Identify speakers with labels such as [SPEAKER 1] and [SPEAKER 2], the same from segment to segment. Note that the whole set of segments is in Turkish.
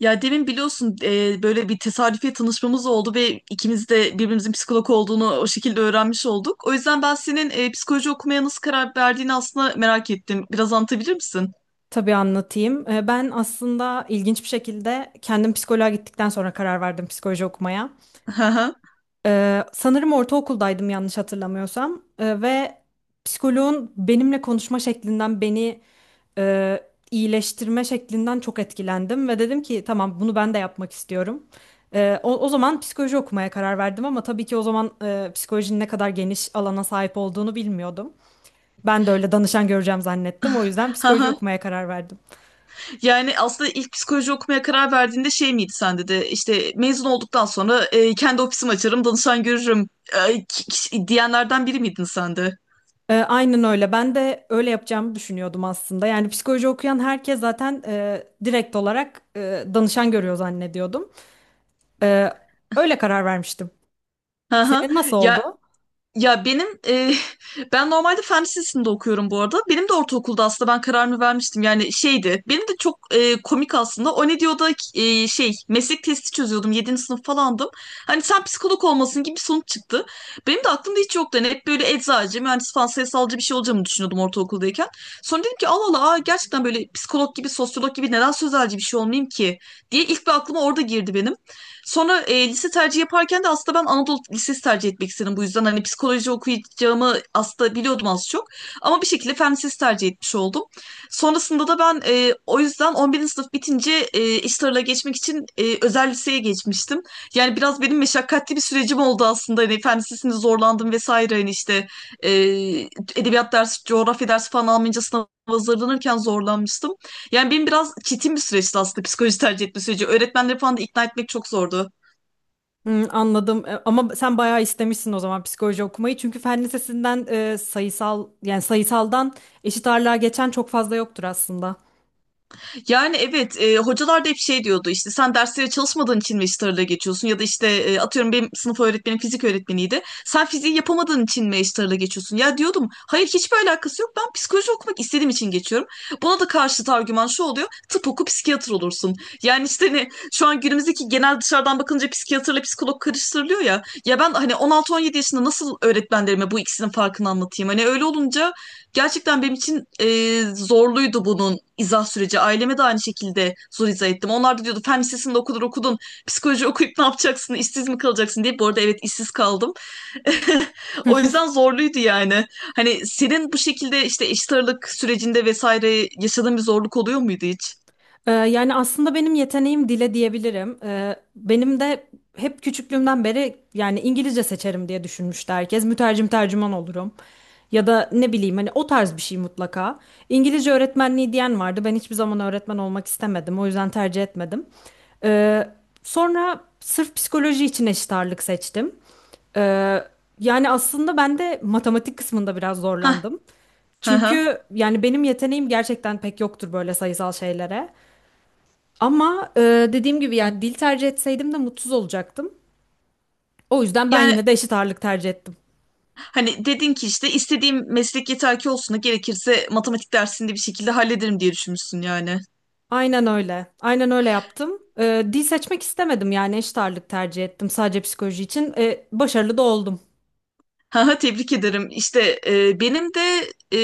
[SPEAKER 1] Ya demin biliyorsun böyle bir tesadüfiye tanışmamız oldu ve ikimiz de birbirimizin psikolog olduğunu o şekilde öğrenmiş olduk. O yüzden ben senin psikoloji okumaya nasıl karar verdiğini aslında merak ettim. Biraz anlatabilir misin?
[SPEAKER 2] Tabii anlatayım. Ben aslında ilginç bir şekilde kendim psikoloğa gittikten sonra karar verdim psikoloji okumaya.
[SPEAKER 1] Haha.
[SPEAKER 2] Sanırım ortaokuldaydım yanlış hatırlamıyorsam. Ve psikoloğun benimle konuşma şeklinden beni e, iyileştirme şeklinden çok etkilendim. Ve dedim ki tamam bunu ben de yapmak istiyorum. O zaman psikoloji okumaya karar verdim ama tabii ki o zaman psikolojinin ne kadar geniş alana sahip olduğunu bilmiyordum. Ben de öyle danışan göreceğim zannettim. O yüzden psikoloji
[SPEAKER 1] Haha.
[SPEAKER 2] okumaya karar verdim.
[SPEAKER 1] Yani aslında ilk psikoloji okumaya karar verdiğinde şey miydi sende de işte mezun olduktan sonra kendi ofisimi açarım, danışan görürüm, diyenlerden biri miydin sen de?
[SPEAKER 2] Aynen öyle. Ben de öyle yapacağımı düşünüyordum aslında. Yani psikoloji okuyan herkes zaten direkt olarak danışan görüyor zannediyordum. E, Öyle karar vermiştim.
[SPEAKER 1] Haha.
[SPEAKER 2] Senin nasıl
[SPEAKER 1] Ya
[SPEAKER 2] oldu?
[SPEAKER 1] Ya benim ben normalde fen lisesinde okuyorum bu arada. Benim de ortaokulda aslında ben kararımı vermiştim. Yani şeydi. Benim de çok komik aslında. O ne diyor, meslek testi çözüyordum. Yedinci sınıf falandım. Hani sen psikolog olmasın gibi bir sonuç çıktı. Benim de aklımda hiç yoktu. Hani hep böyle eczacı, mühendis falan sayısalcı bir şey olacağımı düşünüyordum ortaokuldayken. Sonra dedim ki Allah Allah aa, gerçekten böyle psikolog gibi, sosyolog gibi neden sözelci bir şey olmayayım ki diye ilk bir aklıma orada girdi benim. Sonra lise tercihi yaparken de aslında ben Anadolu Lisesi tercih etmek istedim. Bu yüzden hani psikoloji okuyacağımı aslında biliyordum az çok. Ama bir şekilde fen lisesi tercih etmiş oldum. Sonrasında da ben, o yüzden 11. sınıf bitince iş tarla geçmek için özel liseye geçmiştim. Yani biraz benim meşakkatli bir sürecim oldu aslında. Hani fen lisesinde zorlandım vesaire. Hani işte e, edebiyat dersi, coğrafya dersi falan almayınca sınava hazırlanırken zorlanmıştım. Yani benim biraz çetin bir süreçti aslında psikoloji tercih etme süreci. Öğretmenleri falan da ikna etmek çok zordu.
[SPEAKER 2] Hmm, anladım. Ama sen bayağı istemişsin o zaman psikoloji okumayı. Çünkü fen lisesinden sayısal yani sayısaldan eşit ağırlığa geçen çok fazla yoktur aslında.
[SPEAKER 1] Yani evet, hocalar da hep şey diyordu işte sen derslere çalışmadığın için Magister'la geçiyorsun ya da işte, atıyorum benim sınıf öğretmenim fizik öğretmeniydi. Sen fiziği yapamadığın için Magister'la geçiyorsun. Ya diyordum hayır hiçbir alakası yok ben psikoloji okumak istediğim için geçiyorum. Buna da karşıt argüman şu oluyor tıp oku psikiyatr olursun. Yani işte hani şu an günümüzdeki genel dışarıdan bakınca psikiyatrla psikolog karıştırılıyor ya. Ya ben hani 16-17 yaşında nasıl öğretmenlerime bu ikisinin farkını anlatayım? Hani öyle olunca gerçekten benim için zorluydu bunun izah süreci. Aileme de aynı şekilde zor izah ettim. Onlar da diyordu fen lisesinde okudun okudun. Psikoloji okuyup ne yapacaksın? İşsiz mi kalacaksın diye. Bu arada evet işsiz kaldım. O yüzden zorluydu yani. Hani senin bu şekilde işte eşit ağırlık sürecinde vesaire yaşadığın bir zorluk oluyor muydu hiç?
[SPEAKER 2] Yani aslında benim yeteneğim dile diyebilirim. Benim de hep küçüklüğümden beri yani İngilizce seçerim diye düşünmüştü herkes. Mütercim tercüman olurum. Ya da ne bileyim hani o tarz bir şey mutlaka. İngilizce öğretmenliği diyen vardı. Ben hiçbir zaman öğretmen olmak istemedim. O yüzden tercih etmedim. Ee, Sonra sırf psikoloji için eşit ağırlık seçtim. Ee, Yani aslında ben de matematik kısmında biraz
[SPEAKER 1] Hah,
[SPEAKER 2] zorlandım.
[SPEAKER 1] hı hı.
[SPEAKER 2] Çünkü yani benim yeteneğim gerçekten pek yoktur böyle sayısal şeylere. Ama dediğim gibi yani dil tercih etseydim de mutsuz olacaktım. O yüzden ben
[SPEAKER 1] Yani
[SPEAKER 2] yine de eşit ağırlık tercih ettim.
[SPEAKER 1] hani dedin ki işte istediğim meslek yeter ki olsun da gerekirse matematik dersini de bir şekilde hallederim diye düşünmüşsün yani.
[SPEAKER 2] Aynen öyle. Aynen öyle yaptım. Dil seçmek istemedim yani eşit ağırlık tercih ettim sadece psikoloji için. Başarılı da oldum.
[SPEAKER 1] Ha ha, tebrik ederim. İşte benim de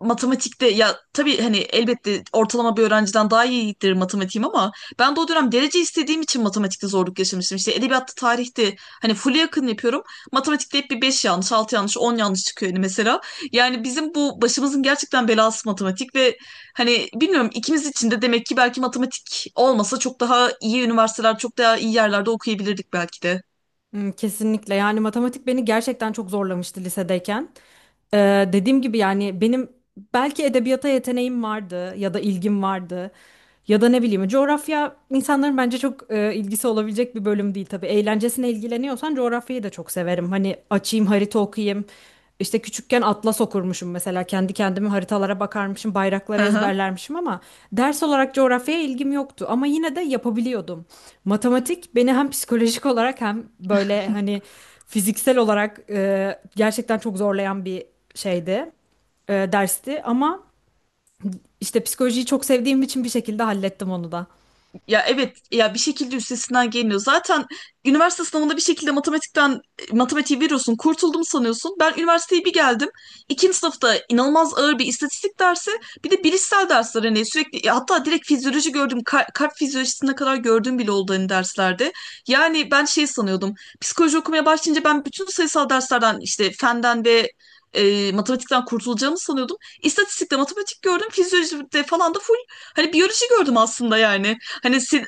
[SPEAKER 1] matematikte, ya tabii hani elbette ortalama bir öğrenciden daha iyidir matematiğim ama ben de o dönem derece istediğim için matematikte zorluk yaşamıştım. İşte edebiyatta, tarihte hani full'e yakın yapıyorum. Matematikte hep bir 5 yanlış, 6 yanlış, 10 yanlış çıkıyor hani mesela. Yani bizim bu başımızın gerçekten belası matematik ve hani bilmiyorum ikimiz için de demek ki belki matematik olmasa çok daha iyi üniversiteler, çok daha iyi yerlerde okuyabilirdik belki de.
[SPEAKER 2] Hmm, kesinlikle yani matematik beni gerçekten çok zorlamıştı lisedeyken. E, Dediğim gibi yani benim belki edebiyata yeteneğim vardı ya da ilgim vardı. Ya da ne bileyim coğrafya insanların bence çok ilgisi olabilecek bir bölüm değil tabii. Eğlencesine ilgileniyorsan coğrafyayı da çok severim. Hani açayım harita okuyayım. İşte küçükken atlas okurmuşum mesela kendi kendime haritalara bakarmışım, bayrakları
[SPEAKER 1] Hı hı.
[SPEAKER 2] ezberlermişim ama ders olarak coğrafyaya ilgim yoktu ama yine de yapabiliyordum. Matematik beni hem psikolojik olarak hem böyle hani fiziksel olarak gerçekten çok zorlayan bir şeydi, dersti ama işte psikolojiyi çok sevdiğim için bir şekilde hallettim onu da.
[SPEAKER 1] Ya evet, ya bir şekilde üstesinden geliniyor. Zaten üniversite sınavında bir şekilde matematiği veriyorsun. Kurtuldum sanıyorsun. Ben üniversiteye bir geldim. İkinci sınıfta inanılmaz ağır bir istatistik dersi, bir de bilişsel dersler hani sürekli ya hatta direkt fizyoloji gördüm. Kalp fizyolojisine kadar gördüğüm bile oldu hani derslerde. Yani ben şey sanıyordum. Psikoloji okumaya başlayınca ben bütün sayısal derslerden işte fenden ve matematikten kurtulacağımı sanıyordum. İstatistikte matematik gördüm, fizyolojide falan da full hani biyoloji gördüm aslında yani. Hani sen-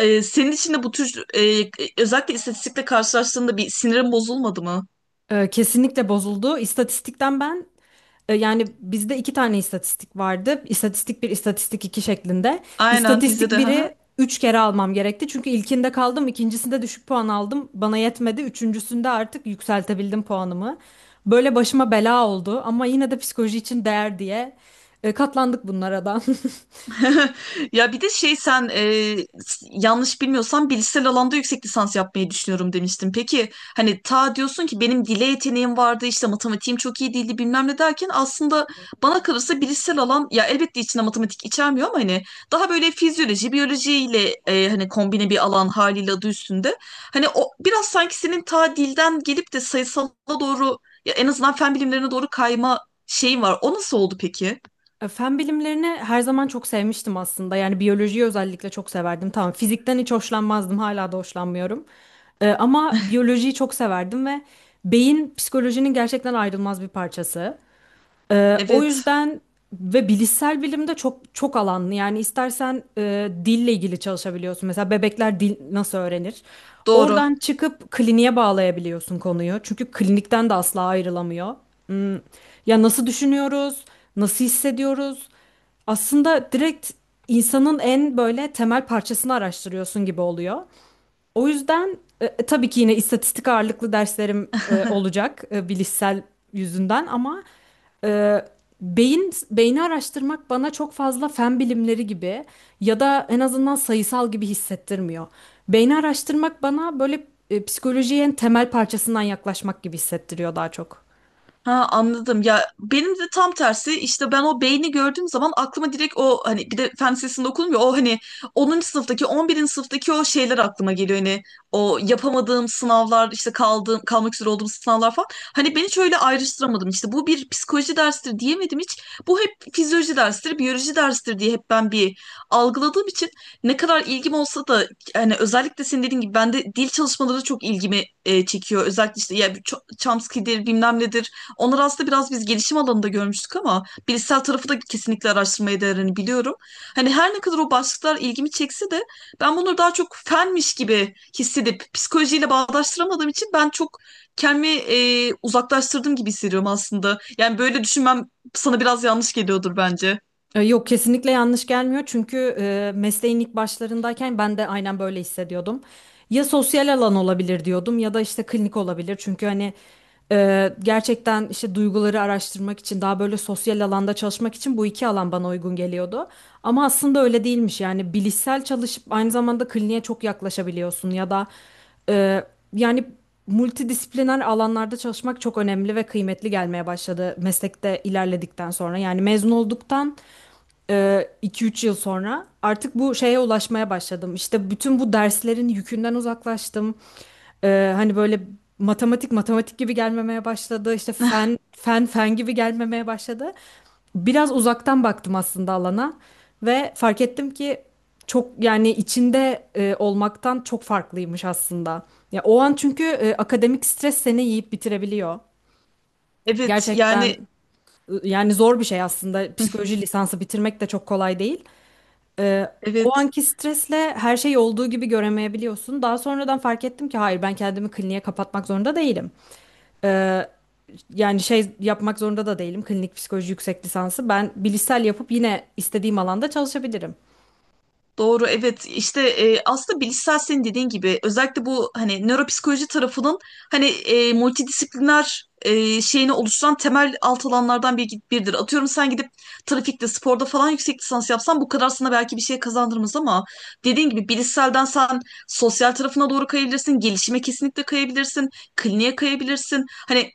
[SPEAKER 1] senin için de bu tür, özellikle istatistikle karşılaştığında bir sinirin bozulmadı mı?
[SPEAKER 2] Kesinlikle bozuldu. İstatistikten ben yani bizde 2 tane istatistik vardı. İstatistik bir, istatistik 2 şeklinde.
[SPEAKER 1] Aynen bizde
[SPEAKER 2] İstatistik
[SPEAKER 1] de.
[SPEAKER 2] biri 3 kere almam gerekti. Çünkü ilkinde kaldım, ikincisinde düşük puan aldım. Bana yetmedi. Üçüncüsünde artık yükseltebildim puanımı. Böyle başıma bela oldu ama yine de psikoloji için değer diye katlandık bunlara da.
[SPEAKER 1] Ya bir de şey sen, yanlış bilmiyorsam bilişsel alanda yüksek lisans yapmayı düşünüyorum demiştin. Peki hani ta diyorsun ki benim dile yeteneğim vardı işte matematiğim çok iyi değildi bilmem ne derken aslında bana kalırsa bilişsel alan ya elbette içinde matematik içermiyor ama hani daha böyle fizyoloji biyolojiyle hani kombine bir alan haliyle adı üstünde. Hani o biraz sanki senin ta dilden gelip de sayısala doğru, ya en azından fen bilimlerine doğru kayma şeyin var. O nasıl oldu peki?
[SPEAKER 2] Fen bilimlerini her zaman çok sevmiştim aslında. Yani biyolojiyi özellikle çok severdim. Tamam, fizikten hiç hoşlanmazdım, hala da hoşlanmıyorum. Ama biyolojiyi çok severdim ve beyin psikolojinin gerçekten ayrılmaz bir parçası. E, o
[SPEAKER 1] Evet
[SPEAKER 2] yüzden ve bilişsel bilimde çok çok alanlı. Yani istersen dille ilgili çalışabiliyorsun. Mesela bebekler dil nasıl öğrenir?
[SPEAKER 1] doğru.
[SPEAKER 2] Oradan çıkıp kliniğe bağlayabiliyorsun konuyu. Çünkü klinikten de asla ayrılamıyor. Hmm, ya nasıl düşünüyoruz? Nasıl hissediyoruz? Aslında direkt insanın en böyle temel parçasını araştırıyorsun gibi oluyor. O yüzden tabii ki yine istatistik ağırlıklı derslerim olacak bilişsel yüzünden ama e, beyin beyni araştırmak bana çok fazla fen bilimleri gibi ya da en azından sayısal gibi hissettirmiyor. Beyni araştırmak bana böyle psikolojiye en temel parçasından yaklaşmak gibi hissettiriyor daha çok.
[SPEAKER 1] Ha anladım. Ya benim de tam tersi işte ben o beyni gördüğüm zaman aklıma direkt o hani bir de fen lisesinde okudum ya o hani 10. sınıftaki 11. sınıftaki o şeyler aklıma geliyor. Hani o yapamadığım sınavlar işte kaldığım kalmak üzere olduğum sınavlar falan. Hani beni hiç öyle ayrıştıramadım. İşte bu bir psikoloji dersidir diyemedim hiç. Bu hep fizyoloji dersidir, biyoloji dersidir diye hep ben bir algıladığım için ne kadar ilgim olsa da hani özellikle senin dediğin gibi bende dil çalışmaları çok ilgimi çekiyor. Özellikle işte ya bir Chomsky'dir bilmem nedir. Onları aslında biraz biz gelişim alanında görmüştük ama bilişsel tarafı da kesinlikle araştırmaya değerini biliyorum. Hani her ne kadar o başlıklar ilgimi çekse de ben bunları daha çok fenmiş gibi hissedip psikolojiyle bağdaştıramadığım için ben çok kendimi uzaklaştırdım gibi hissediyorum aslında. Yani böyle düşünmem sana biraz yanlış geliyordur bence.
[SPEAKER 2] Yok kesinlikle yanlış gelmiyor çünkü mesleğin ilk başlarındayken ben de aynen böyle hissediyordum. Ya sosyal alan olabilir diyordum ya da işte klinik olabilir çünkü hani gerçekten işte duyguları araştırmak için daha böyle sosyal alanda çalışmak için bu iki alan bana uygun geliyordu. Ama aslında öyle değilmiş yani bilişsel çalışıp aynı zamanda kliniğe çok yaklaşabiliyorsun ya da e, yani multidisipliner alanlarda çalışmak çok önemli ve kıymetli gelmeye başladı meslekte ilerledikten sonra yani mezun olduktan 2-3 yıl sonra artık bu şeye ulaşmaya başladım. İşte bütün bu derslerin yükünden uzaklaştım. Hani böyle matematik matematik gibi gelmemeye başladı. İşte fen fen fen gibi gelmemeye başladı. Biraz uzaktan baktım aslında alana ve fark ettim ki çok yani içinde olmaktan çok farklıymış aslında. Ya o an çünkü akademik stres seni yiyip bitirebiliyor.
[SPEAKER 1] Evet
[SPEAKER 2] Gerçekten
[SPEAKER 1] yani.
[SPEAKER 2] yani zor bir şey aslında. Psikoloji lisansı bitirmek de çok kolay değil. Ee, O
[SPEAKER 1] Evet.
[SPEAKER 2] anki stresle her şey olduğu gibi göremeyebiliyorsun. Daha sonradan fark ettim ki hayır ben kendimi kliniğe kapatmak zorunda değilim. Ee, Yani şey yapmak zorunda da değilim. Klinik psikoloji yüksek lisansı. Ben bilişsel yapıp yine istediğim alanda çalışabilirim.
[SPEAKER 1] Doğru evet, işte aslında bilişsel senin dediğin gibi özellikle bu hani nöropsikoloji tarafının hani multidisipliner şeyini oluşturan temel alt alanlardan biridir. Atıyorum sen gidip trafikte sporda falan yüksek lisans yapsan bu kadar sana belki bir şey kazandırmaz ama dediğin gibi bilişselden sen sosyal tarafına doğru kayabilirsin, gelişime kesinlikle kayabilirsin, kliniğe kayabilirsin. Hani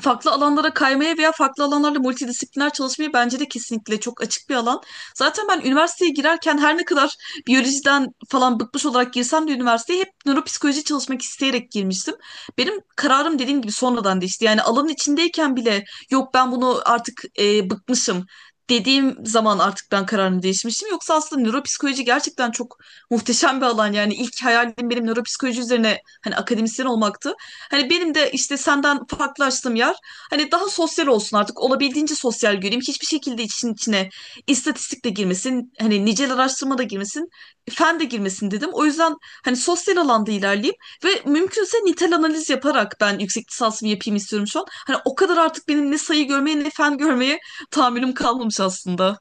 [SPEAKER 1] farklı alanlara kaymaya veya farklı alanlarla multidisipliner çalışmayı bence de kesinlikle çok açık bir alan. Zaten ben üniversiteye girerken her ne kadar biyolojiden falan bıkmış olarak girsem de üniversiteye hep nöropsikoloji çalışmak isteyerek girmiştim. Benim kararım dediğim gibi sonradan değişti. Yani alanın içindeyken bile yok ben bunu artık, bıkmışım dediğim zaman artık ben kararımı değişmiştim. Yoksa aslında nöropsikoloji gerçekten çok muhteşem bir alan. Yani ilk hayalim benim nöropsikoloji üzerine hani akademisyen olmaktı. Hani benim de işte senden farklılaştığım yer hani daha sosyal olsun artık olabildiğince sosyal göreyim. Hiçbir şekilde için içine istatistik de girmesin, hani nicel araştırma da girmesin, fen de girmesin dedim. O yüzden hani sosyal alanda ilerleyeyim ve mümkünse nitel analiz yaparak ben yüksek lisansımı yapayım istiyorum şu an. Hani o kadar artık benim ne sayı görmeye ne fen görmeye tahammülüm kalmamış aslında.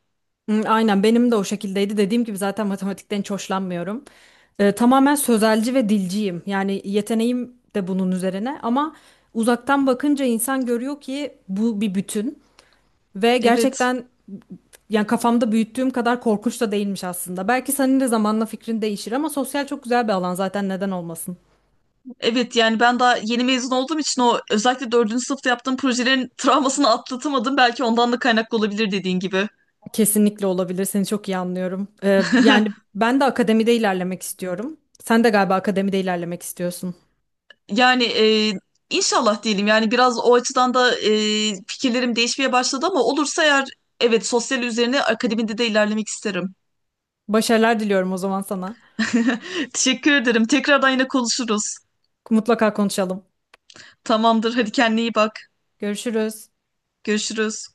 [SPEAKER 2] Hı, aynen benim de o şekildeydi. Dediğim gibi zaten matematikten hiç hoşlanmıyorum. Tamamen sözelci ve dilciyim. Yani yeteneğim de bunun üzerine ama uzaktan bakınca insan görüyor ki bu bir bütün. Ve
[SPEAKER 1] Evet.
[SPEAKER 2] gerçekten yani kafamda büyüttüğüm kadar korkunç da değilmiş aslında. Belki senin de zamanla fikrin değişir ama sosyal çok güzel bir alan zaten neden olmasın?
[SPEAKER 1] Evet yani ben daha yeni mezun olduğum için o özellikle dördüncü sınıfta yaptığım projelerin travmasını atlatamadım. Belki ondan da kaynaklı olabilir dediğin gibi.
[SPEAKER 2] Kesinlikle olabilir. Seni çok iyi anlıyorum. Yani ben de akademide ilerlemek istiyorum. Sen de galiba akademide ilerlemek istiyorsun.
[SPEAKER 1] Yani, inşallah diyelim yani biraz o açıdan da fikirlerim değişmeye başladı ama olursa eğer evet sosyal üzerine akademide de ilerlemek isterim.
[SPEAKER 2] Başarılar diliyorum o zaman sana.
[SPEAKER 1] Teşekkür ederim. Tekrardan yine konuşuruz.
[SPEAKER 2] Mutlaka konuşalım.
[SPEAKER 1] Tamamdır. Hadi kendine iyi bak.
[SPEAKER 2] Görüşürüz.
[SPEAKER 1] Görüşürüz.